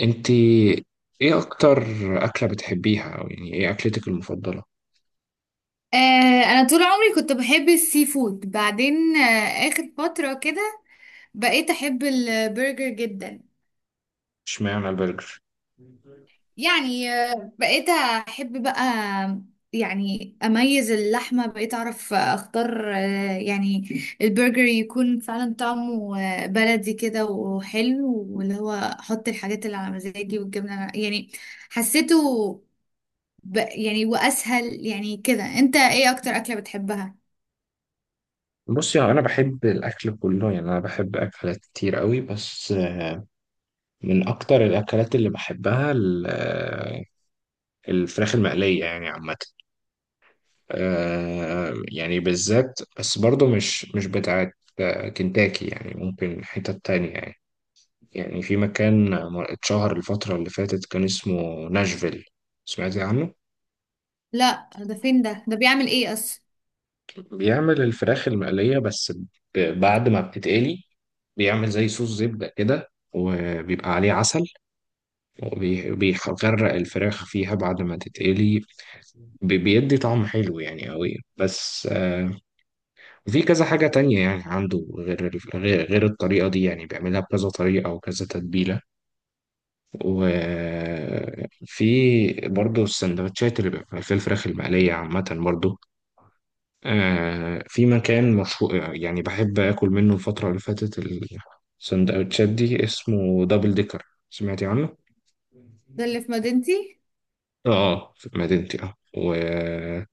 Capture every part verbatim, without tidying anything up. انت، ايه اكتر اكله بتحبيها؟ او يعني ايه اكلتك المفضله؟ آه، انا طول عمري كنت بحب السي فود. بعدين آه، اخر فترة كده بقيت احب البرجر جدا. اشمعنى البرجر؟ يعني آه، بقيت احب بقى. يعني اميز اللحمة بقيت اعرف اختار آه، يعني البرجر يكون فعلا طعمه آه، بلدي كده وحلو، واللي هو احط الحاجات اللي على مزاجي والجبنة على- يعني حسيته ب... يعني واسهل يعني كده. انت ايه اكتر اكلة بتحبها؟ بصي، يعني انا بحب الاكل كله، يعني انا بحب اكلات كتير قوي، بس من اكتر الاكلات اللي بحبها ال- الفراخ المقليه يعني عامه. آه، يعني بالذات، بس برضو مش مش بتاعت آه، كنتاكي، يعني ممكن حتة تانية، يعني يعني في مكان اتشهر الفترة اللي فاتت كان اسمه ناشفيل. سمعتي عنه؟ لا، ده فين؟ ده ده بيعمل ايه اصلا؟ بيعمل الفراخ المقلية بس، ب- بعد ما بتتقلي بيعمل زي صوص زبدة كده وبيبقى عليه عسل، وبيغرق الفراخ فيها بعد ما تتقلي. بي- بيدي طعم حلو يعني قوي، بس آه، في كذا حاجة تانية، يعني عنده غير ال- غير غير الطريقة دي، يعني بيعملها بكذا طريقة وكذا تتبيلة. وفي برضه السندوتشات اللي بيبقى في الفراخ المقلية عامة برضه. آه في مكان مشهور يعني بحب آكل منه الفترة اللي فاتت، السندوتشات دي اسمه دبل ديكر. سمعتي عنه؟ ده اللي في مدينتي. اه في مدينتي، اه. وفي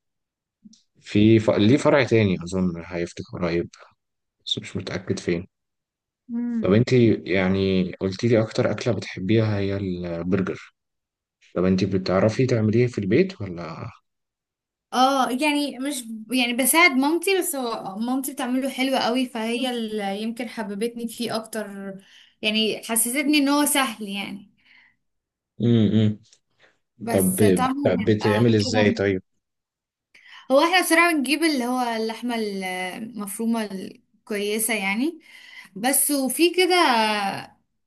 ف... ليه فرع تاني أظن هيفتح قريب، بس مش متأكد فين. طب امم. انتي يعني قلتي لي أكتر أكلة بتحبيها هي البرجر، طب انتي بتعرفي تعمليه في البيت ولا؟ اه، يعني مش، يعني بساعد مامتي، بس هو مامتي بتعمله حلو قوي، فهي اللي يمكن حببتني فيه اكتر. يعني حسستني ان هو سهل، يعني. امم. طب، بس ب- طعمه بيبقى بتعمل ازاي كده. طيب؟ هو احنا بصراحة بنجيب اللي هو اللحمة المفرومة الكويسة، يعني، بس. وفي كده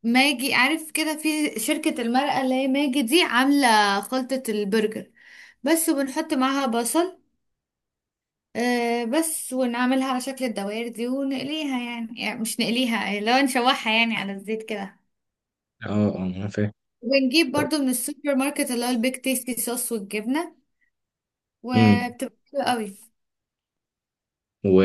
ماجي، عارف كده، في شركة المرقة اللي هي ماجي دي عاملة خلطة البرجر بس، وبنحط معاها بصل آه، بس، ونعملها على شكل الدوائر دي ونقليها، يعني, يعني مش نقليها، لو نشوحها يعني على الزيت كده. اه، اه، أنا فاهم. ونجيب طب- برضو من السوبر ماركت اللي هو البيك تيستي صوص والجبنة، مم. وبتبقى حلوة قوي.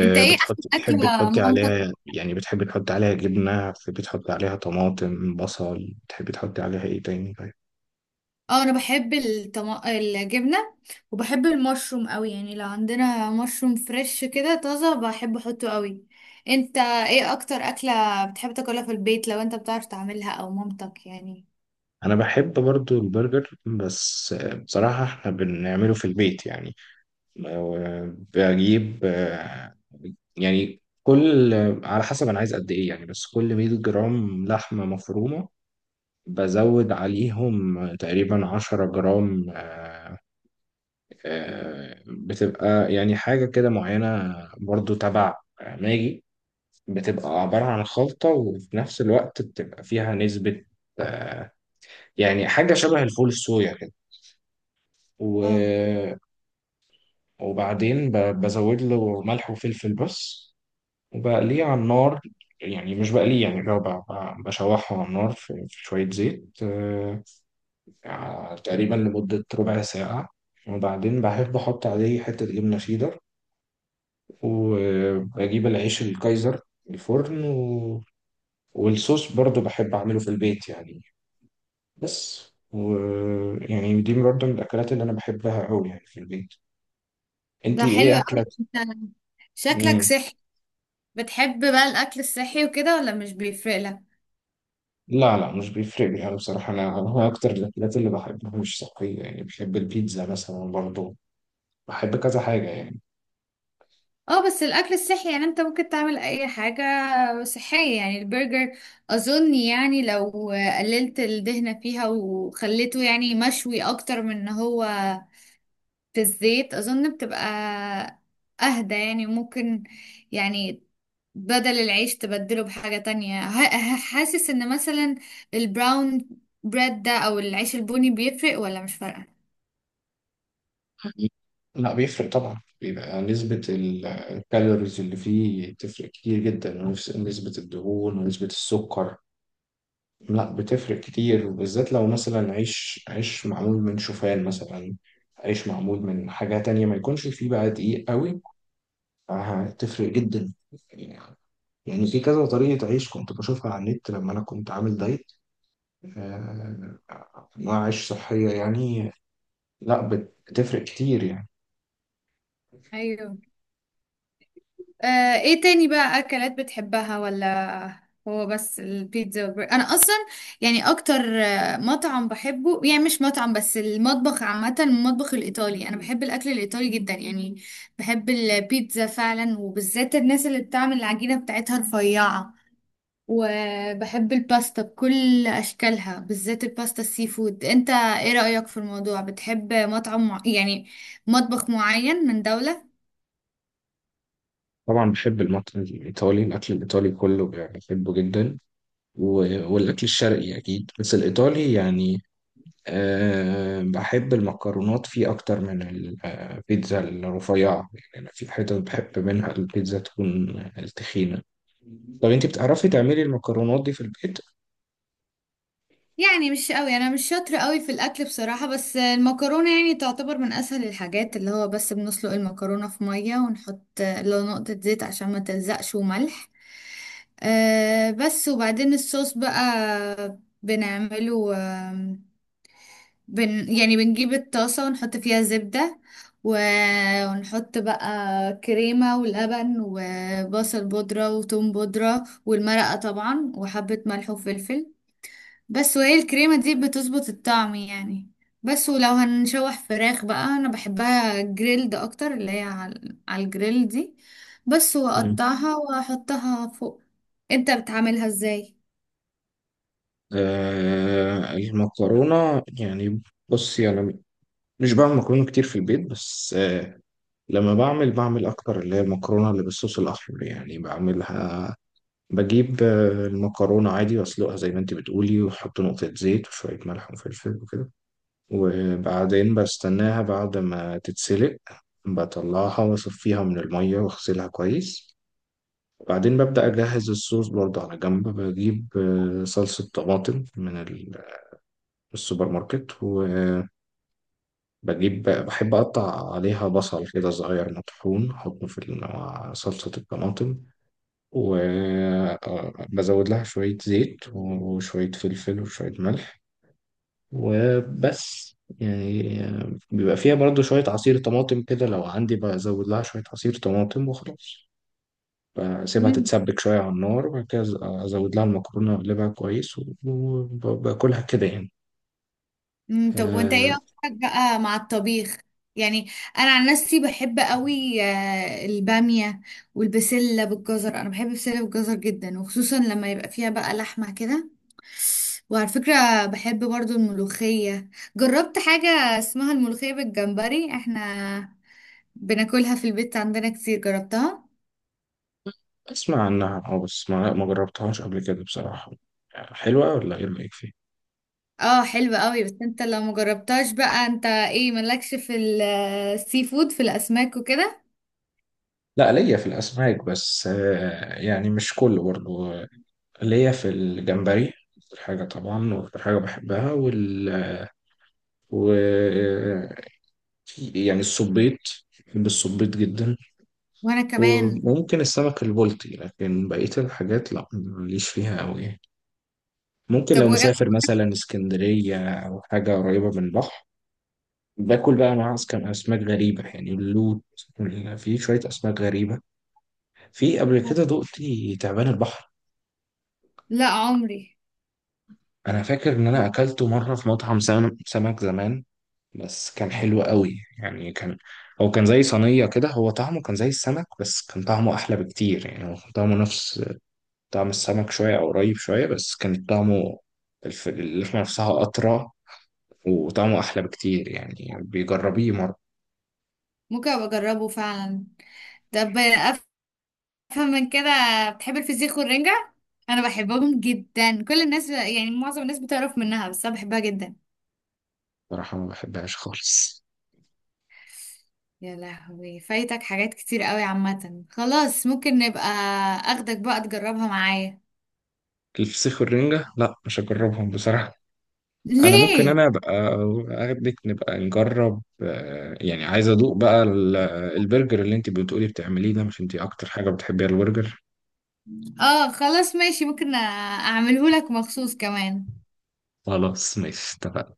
انت ايه احسن بتحب اكلة تحطي مامتك؟ عليها، يعني بتحب تحطي عليها جبنة، بتحب تحطي عليها طماطم، بصل، بتحب تحطي عليها ايه تاني طيب؟ اه، انا بحب الطم... الجبنة. وبحب المشروم قوي، يعني لو عندنا مشروم فريش كده طازة بحب احطه قوي. انت ايه اكتر اكلة بتحب تاكلها في البيت، لو انت بتعرف تعملها او مامتك، يعني؟ انا بحب برضو البرجر، بس آه، بصراحة احنا بنعمله في البيت يعني. آه، بجيب آه، يعني كل، على حسب انا عايز قد ايه يعني، بس كل 100 جرام لحمة مفرومة بزود عليهم تقريبا 10 جرام. آه، بتبقى يعني حاجة كده معينة، برضو تبع ماجي. بتبقى عبارة عن خلطة وفي نفس الوقت بتبقى فيها نسبة، آه، يعني حاجة شبه الفول الصويا كده. اه، و- وبعدين ب- بزود له ملح وفلفل بس، وبقليه على النار. يعني مش بقليه، يعني لو ب- ب- بشوحه على النار في في شوية زيت، آه، ع- تقريبا لمدة ربع ساعة. وبعدين بحب أحط عليه حتة جبنة شيدر، واجيب العيش الكايزر، الفرن و... والصوص برضو بحب اعمله في البيت يعني. بس، ويعني دي برضو من الاكلات اللي انا بحبها قوي يعني في البيت. ده انتي حلو ايه قوي، اكلك؟ انت شكلك مم. صحي. بتحب بقى الاكل الصحي وكده ولا مش بيفرق لك؟ لا، لا، مش بيفرق لي. انا بصراحه انا هو اكتر الاكلات اللي بحبها مش صحيه، يعني بحب البيتزا مثلا برضو، بحب كذا حاجه يعني. اه، بس الاكل الصحي يعني انت ممكن تعمل اي حاجة صحية. يعني البرجر اظن يعني لو قللت الدهنة فيها وخليته يعني مشوي اكتر من ان هو في الزيت، اظن بتبقى اهدى، يعني ممكن يعني بدل العيش تبدله بحاجة تانية. ه- ه- حاسس ان مثلا البراون بريد ده، او العيش البني، بيفرق ولا مش فارقة؟ لا بيفرق طبعا، بيبقى نسبة ال- الكالوريز اللي فيه تفرق كتير جدا، ونفس- نسبة الدهون ونسبة السكر، لا بتفرق كتير، وبالذات لو مثلا عيش عيش معمول من شوفان مثلا، عيش معمول من حاجة تانية ما يكونش فيه بقى دقيق قوي، هتفرق جدا. يعني في كذا طريقة عيش كنت بشوفها على النت لما أنا كنت عامل دايت، آه، أنواع عيش صحية يعني. لا بت- بتفرق كتير يعني. ايوه. آه، ايه تاني بقى اكلات بتحبها، ولا هو بس البيتزا والبرجر؟ انا اصلا يعني اكتر آه، مطعم بحبه، يعني مش مطعم بس، المطبخ عامة، المطبخ الايطالي، انا بحب الاكل الايطالي جدا يعني. بحب البيتزا فعلا، وبالذات الناس اللي بتعمل العجينة بتاعتها رفيعة. وبحب الباستا بكل اشكالها، بالذات الباستا السي فود. انت ايه رأيك في الموضوع، بتحب مطعم مع... يعني مطبخ معين من دولة؟ طبعا بحب المطبخ الإيطالي، الأكل الإيطالي كله بحبه جدا. و- والأكل الشرقي أكيد، بس الإيطالي يعني، أه بحب المكرونات فيه أكتر من البيتزا الرفيعة. يعني أنا في حتت بحب منها البيتزا تكون التخينة. طب أنت بتعرفي تعملي المكرونات دي في البيت؟ يعني مش قوي، انا مش شاطره قوي في الاكل بصراحه، بس المكرونه يعني تعتبر من اسهل الحاجات، اللي هو بس بنسلق المكرونه في ميه، ونحط لو نقطه زيت عشان ما تلزقش، وملح. أه، بس. وبعدين الصوص بقى بنعمله آم، بن يعني بنجيب الطاسه ونحط فيها زبده، و- ونحط بقى كريمه ولبن وبصل بودره وتوم بودره والمرقه طبعا وحبه ملح وفلفل، بس. وهي الكريمة دي بتظبط الطعم، يعني. بس ولو هنشوح فراخ بقى انا بحبها جريلد اكتر، اللي هي على على الجريل دي، بس مم. واقطعها واحطها فوق. انت بتعملها ازاي؟ أه، المكرونة يعني، بصي أنا مش بعمل مكرونة كتير في البيت، بس أه لما بعمل بعمل أكتر اللي هي المكرونة اللي بالصوص الأحمر، يعني بعملها، بجيب آه، المكرونة عادي وأسلقها زي ما أنت بتقولي، وأحط نقطة زيت وشوية ملح وفلفل وكده. وبعدين بستناها بعد ما تتسلق، بطلعها واصفيها من المية واغسلها كويس. بعدين ببدأ أجهز الصوص برضه على جنب، بجيب آه، صلصة طماطم من ال- السوبر ماركت، وبجيب، بحب أقطع عليها بصل كده صغير مطحون أحطه في ال- مع صلصة الطماطم، وبزود لها شوية زيت وشوية فلفل وشوية ملح وبس. يعني آه، بيبقى فيها برضو شوية عصير طماطم كده، لو عندي بزود لها شوية عصير طماطم وخلاص. بسيبها مم. تتسبك شوية على النار، وبعد كده أزود لها المكرونة وأقلبها كويس، وباكلها كده يعني. مم، طب، وانت آه، ايه اكتر بقى مع الطبيخ؟ يعني انا عن نفسي بحب قوي آه، البامية والبسلة بالجزر، انا بحب البسلة بالجزر جدا، وخصوصا لما يبقى فيها بقى لحمة كده. وعلى فكرة بحب برضو الملوخية. جربت حاجة اسمها الملوخية بالجمبري، احنا بناكلها في البيت عندنا كتير، جربتها. أسمع عنها، أه، بس ما ما جربتهاش قبل كده بصراحة. حلوة ولا إيه رأيك فيها؟ اه، حلوة قوي. بس انت لو مجربتهاش بقى، انت ايه مالكش في ال- السي فود، في الاسماك وكده؟ لا، ليا في الأسماك بس، آه، يعني مش كله برضو، آه، ليا في الجمبري أكتر حاجة طبعا، وأكتر حاجة بحبها وال... و يعني الصبيط، بحب الصبيط جدا، وانا كمان. وممكن السمك البلطي، لكن بقية الحاجات لا ماليش فيها أوي يعني. ممكن طب لو وايه أكتر؟ مسافر مثلا اسكندرية أو حاجة قريبة من البحر باكل بقى، مع كان أسماك غريبة يعني اللوت وال- في شوية أسماك غريبة، في قبل كده دقت تعبان البحر. لا عمري. أنا فاكر إن أنا أكلته مرة في مطعم سم- سمك زمان، بس كان حلو قوي يعني. كان هو كان زي صينية كده، هو طعمه كان زي السمك، بس كان طعمه أحلى بكتير، يعني هو كان طعمه نفس طعم السمك شوية أو قريب شوية، بس كان طعمه، الف- اللحمة نفسها أطرى وطعمه أحلى بكتير. يعني بيجربيه مرة. ممكن ابقى اجربه فعلا. طب افهم من كده، بتحب الفسيخ والرنجة؟ انا بحبهم جدا، كل الناس يعني معظم الناس بتعرف منها، بس انا بحبها جدا. بصراحة ما بحبهاش خالص، يا لهوي، فايتك حاجات كتير قوي. عامة خلاص ممكن نبقى اخدك بقى تجربها معايا. الفسيخ والرنجة لا مش هجربهم بصراحة. أنا ممكن ليه؟ أنا أبقى أخدك نبقى نجرب، آه، يعني عايز أدوق بقى ال- البرجر اللي أنت بتقولي بتعمليه ده، مش أنت أكتر حاجة بتحبيها البرجر؟ اه، خلاص ماشي. ممكن اعمله لك مخصوص كمان. خلاص ماشي، اتفقنا.